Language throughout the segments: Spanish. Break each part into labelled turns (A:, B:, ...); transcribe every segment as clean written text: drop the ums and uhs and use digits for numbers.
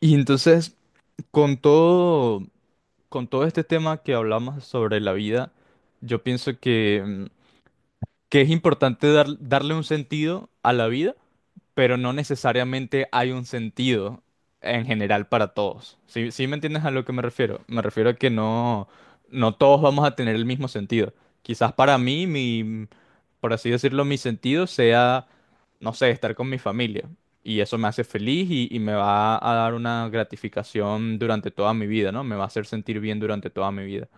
A: Y entonces, con todo, con todo este tema que hablamos sobre la vida, yo pienso que es importante darle un sentido a la vida pero no necesariamente hay un sentido en general para todos. ¿Sí, sí me entiendes a lo que me refiero? Me refiero a que no, no todos vamos a tener el mismo sentido. Quizás para mí, mi, por así decirlo, mi sentido sea, no sé, estar con mi familia. Y eso me hace feliz y me va a dar una gratificación durante toda mi vida, ¿no? Me va a hacer sentir bien durante toda mi vida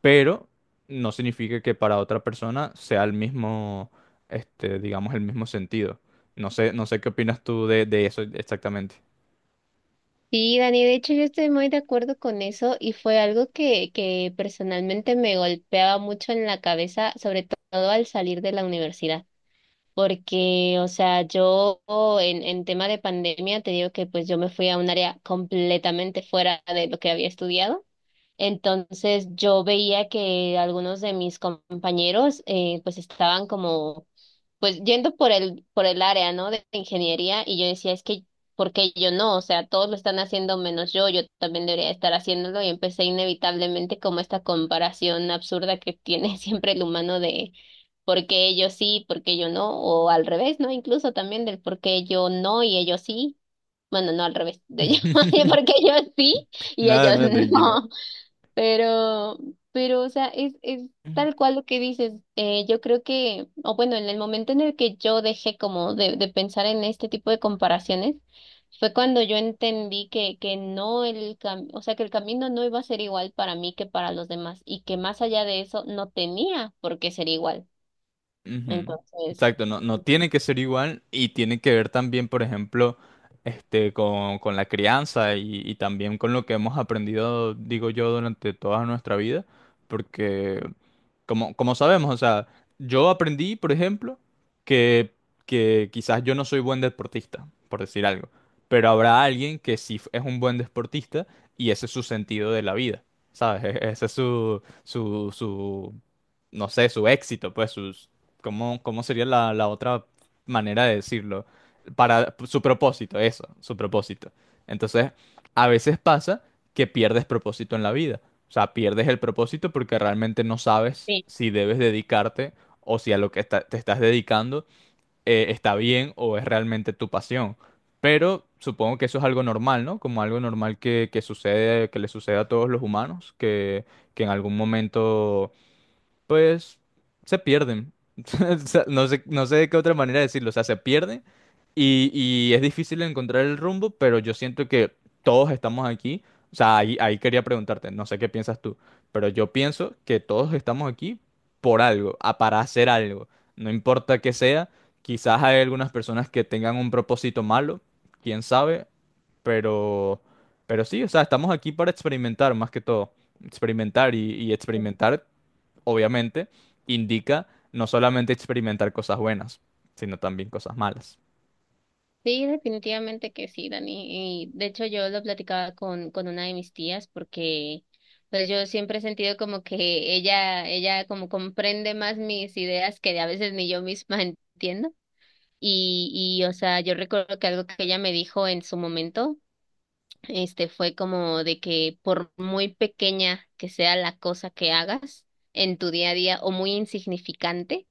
A: pero no significa que para otra persona sea el mismo, digamos, el mismo sentido. No sé, no sé qué opinas tú de eso exactamente.
B: Sí, Dani, de hecho yo estoy muy de acuerdo con eso y fue algo que personalmente me golpeaba mucho en la cabeza, sobre todo al salir de la universidad, porque, o sea, yo en tema de pandemia te digo que pues yo me fui a un área completamente fuera de lo que había estudiado. Entonces yo veía que algunos de mis compañeros pues estaban como pues yendo por el área, ¿no? De ingeniería. Y yo decía, ¿por qué yo no? O sea, todos lo están haciendo menos yo, yo también debería estar haciéndolo, y empecé inevitablemente como esta comparación absurda que tiene siempre el humano de por qué ellos sí, por qué yo no, o al revés, ¿no? Incluso también del por qué yo no y ellos sí. Bueno, no al revés, de yo, por qué yo sí y
A: Nada,
B: ellos
A: nada, tranquila.
B: no. Pero, pero, o sea, es tal cual lo que dices. Yo creo que, o bueno, en el momento en el que yo dejé como de pensar en este tipo de comparaciones, fue cuando yo entendí que no el cam- o sea, que el camino no iba a ser igual para mí que para los demás, y que más allá de eso no tenía por qué ser igual.
A: Ujú.
B: Entonces,
A: Exacto, no, no tiene que ser igual y tiene que ver también, por ejemplo, este, con la crianza y también con lo que hemos aprendido, digo yo, durante toda nuestra vida, porque como sabemos, o sea, yo aprendí, por ejemplo, que, que quizás yo no soy buen deportista, por decir algo, pero habrá alguien que sí es un buen deportista y ese es su sentido de la vida, ¿sabes? E- Ese es su, no sé, su éxito, pues, sus, ¿cómo sería la otra manera de decirlo? Para su propósito, eso, su propósito. Entonces, a veces pasa que pierdes propósito en la vida. O sea, pierdes el propósito porque realmente no sabes
B: sí.
A: si debes dedicarte o si a lo que te estás dedicando está bien o es realmente tu pasión. Pero supongo que eso es algo normal, ¿no? Como algo normal que sucede, que le sucede a todos los humanos, que en algún momento pues se pierden. O sea, no sé, no sé de qué otra manera decirlo, o sea, se pierden y es difícil encontrar el rumbo, pero yo siento que todos estamos aquí. O sea, ahí quería preguntarte, no sé qué piensas tú, pero yo pienso que todos estamos aquí por algo, para hacer algo, no importa qué sea, quizás hay algunas personas que tengan un propósito malo, quién sabe, pero, pero sí, o sea, estamos aquí para experimentar más que todo, experimentar y experimentar obviamente, indica no solamente experimentar cosas buenas, sino también cosas malas.
B: Sí, definitivamente que sí, Dani. Y de hecho yo lo platicaba con una de mis tías, porque pues yo siempre he sentido como que ella como comprende más mis ideas que a veces ni yo misma entiendo. Y o sea, yo recuerdo que algo que ella me dijo en su momento, fue como de que por muy pequeña que sea la cosa que hagas en tu día a día o muy insignificante,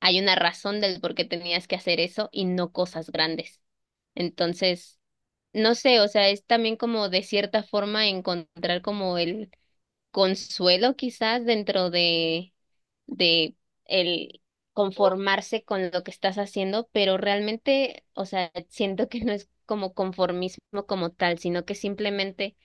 B: hay una razón del por qué tenías que hacer eso y no cosas grandes. Entonces, no sé, o sea, es también como de cierta forma encontrar como el consuelo quizás dentro de el conformarse con lo que estás haciendo, pero realmente, o sea, siento que no es como conformismo como tal, sino que simplemente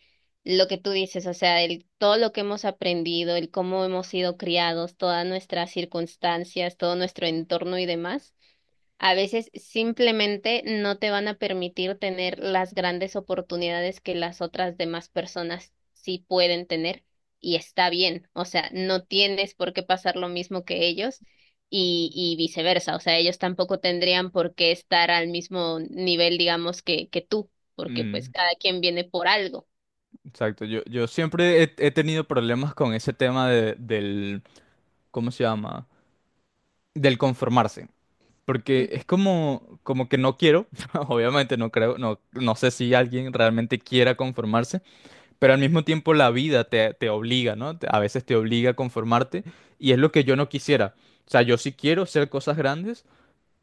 B: lo que tú dices, o sea, el, todo lo que hemos aprendido, el cómo hemos sido criados, todas nuestras circunstancias, todo nuestro entorno y demás a veces simplemente no te van a permitir tener las grandes oportunidades que las otras demás personas sí pueden tener. Y está bien, o sea, no tienes por qué pasar lo mismo que ellos y viceversa, o sea, ellos tampoco tendrían por qué estar al mismo nivel, digamos, que tú, porque pues
A: Mm,
B: cada quien viene por algo.
A: exacto, yo siempre he tenido problemas con ese tema del, ¿cómo se llama? Del conformarse. Porque
B: Mm.
A: es como, como que no quiero, obviamente no creo, no, no sé si alguien realmente quiera conformarse, pero al mismo tiempo la vida te obliga, ¿no? Te- A veces te obliga a conformarte y es lo que yo no quisiera. O sea, yo sí quiero hacer cosas grandes,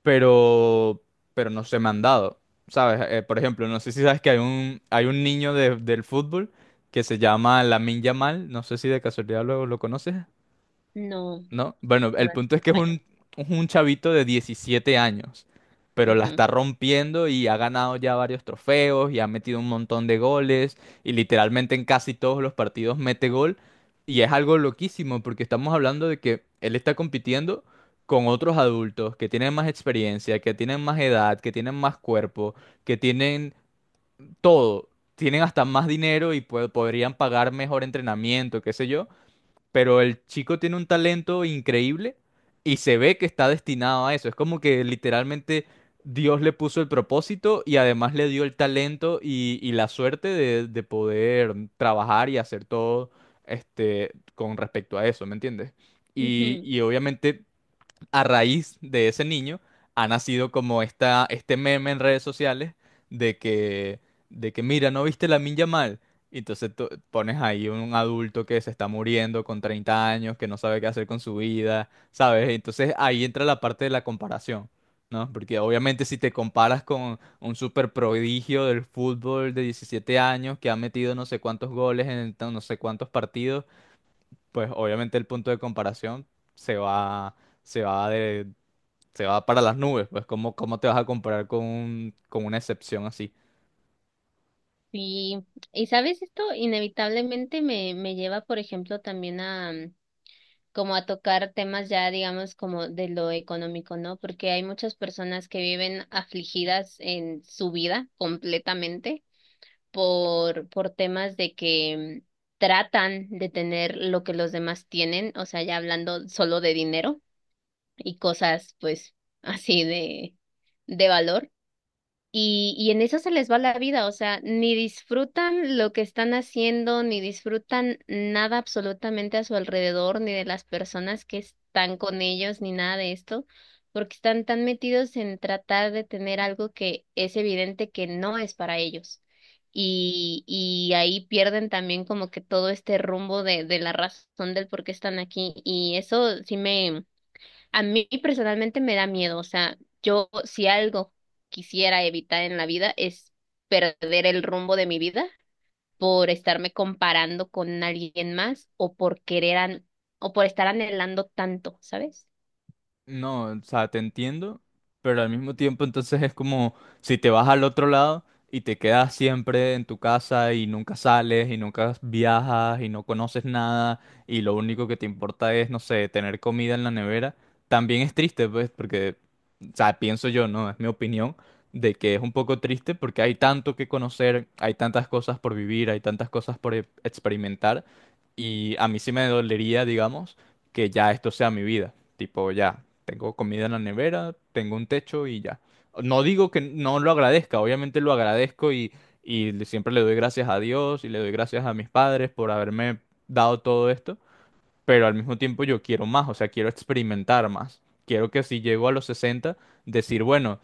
A: pero, pero no se me han dado, ¿sabes? Por ejemplo, no sé si sabes que hay un niño del fútbol que se llama Lamine Yamal, no sé si de casualidad lo conoces.
B: No,
A: ¿No? Bueno,
B: no
A: el punto es
B: te
A: que
B: fallo.
A: es un chavito de 17 años, pero la
B: Ujú,
A: está rompiendo y ha ganado ya varios trofeos y ha metido un montón de goles y literalmente en casi todos los partidos mete gol y es algo loquísimo porque estamos hablando de que él está compitiendo con otros adultos que tienen más experiencia, que tienen más edad, que tienen más cuerpo, que tienen todo. Tienen hasta más dinero y podrían pagar mejor entrenamiento, qué sé yo, pero el chico tiene un talento increíble y se ve que está destinado a eso. Es como que literalmente Dios le puso el propósito y además le dio el talento y la suerte de poder trabajar y hacer todo este, con respecto a eso, ¿me entiendes?
B: ujú.
A: Y obviamente a raíz de ese niño ha nacido como este meme en redes sociales de que, mira, ¿no viste la Minja mal? Y entonces tú pones ahí un adulto que se está muriendo con 30 años, que no sabe qué hacer con su vida, ¿sabes? Entonces ahí entra la parte de la comparación, ¿no? Porque obviamente si te comparas con un super prodigio del fútbol de 17 años que ha metido no sé cuántos goles en tan- no sé cuántos partidos, pues obviamente el punto de comparación se va, se va de- se va para las nubes, pues ¿cómo, cómo te vas a comparar con, con una excepción así?
B: Sí, y sabes, esto inevitablemente me lleva, por ejemplo, también a... como a tocar temas ya, digamos, como de lo económico, ¿no? Porque hay muchas personas que viven afligidas en su vida completamente por temas de que mm, tratan de tener lo que los demás tienen, o sea, ya hablando solo de dinero y cosas, pues, así de valor y en eso se les va la vida, o sea, ni disfrutan lo que están haciendo, ni disfrutan nada absolutamente a su alrededor, ni de las personas que están con ellos, ni nada de esto, porque están tan metidos en tratar de tener algo que es evidente que no es para ellos. Y ahí pierden también como que todo este rumbo de la razón del por qué están aquí. Y eso sí me a mí personalmente me da miedo, o sea, yo si algo quisiera evitar en la vida es perder el rumbo de mi vida por estarme comparando con alguien más o o por estar anhelando tanto, ¿sabes?
A: No, o sea, te entiendo, pero al mismo tiempo entonces es como si te vas al otro lado y te quedas siempre en tu casa y nunca sales y nunca viajas y no conoces nada y lo único que te importa es, no sé, tener comida en la nevera, también es triste, pues, porque, o sea, pienso yo, ¿no? Es mi opinión de que es un poco triste porque hay tanto que conocer, hay tantas cosas por vivir, hay tantas cosas por experimentar y a mí sí me dolería, digamos que ya esto sea mi vida. Tipo, ya, tengo comida en la nevera, tengo un techo y ya. No digo que no lo agradezca, obviamente lo agradezco y siempre le doy gracias a Dios y le doy gracias a mis padres por haberme dado todo esto, pero al mismo tiempo yo quiero más, o sea, quiero experimentar más. Quiero que si llego a los 60, decir, bueno,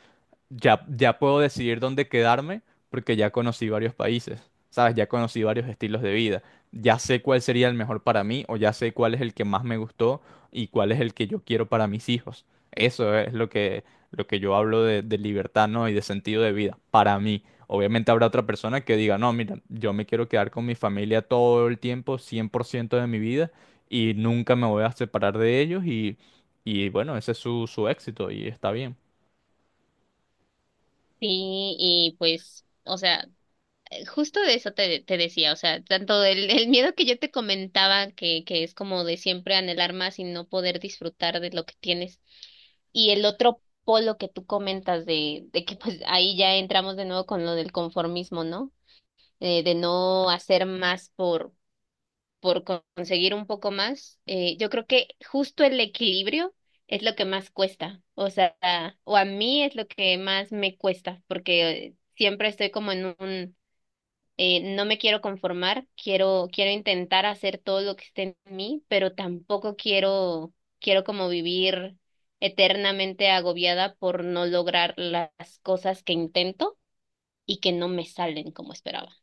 A: ya, ya puedo decidir dónde quedarme porque ya conocí varios países, ¿sabes? Ya conocí varios estilos de vida. Ya sé cuál sería el mejor para mí o ya sé cuál es el que más me gustó y cuál es el que yo quiero para mis hijos. Eso es lo que yo hablo de libertad, ¿no? Y de sentido de vida para mí. Obviamente habrá otra persona que diga, no, mira, yo me quiero quedar con mi familia todo el tiempo, 100% de mi vida y nunca me voy a separar de ellos y bueno, ese es su, su éxito y está bien.
B: Sí, y pues, o sea, justo de eso te, te decía, o sea, tanto el miedo que yo te comentaba, que es como de siempre anhelar más y no poder disfrutar de lo que tienes, y el otro polo que tú comentas de que pues ahí ya entramos de nuevo con lo del conformismo, ¿no? De no hacer más por, conseguir un poco más. Yo creo que justo el equilibrio es lo que más cuesta, o sea, o a mí es lo que más me cuesta, porque siempre estoy como en un no me quiero conformar, quiero, quiero intentar hacer todo lo que esté en mí, pero tampoco quiero, quiero como vivir eternamente agobiada por no lograr las cosas que intento y que no me salen como esperaba.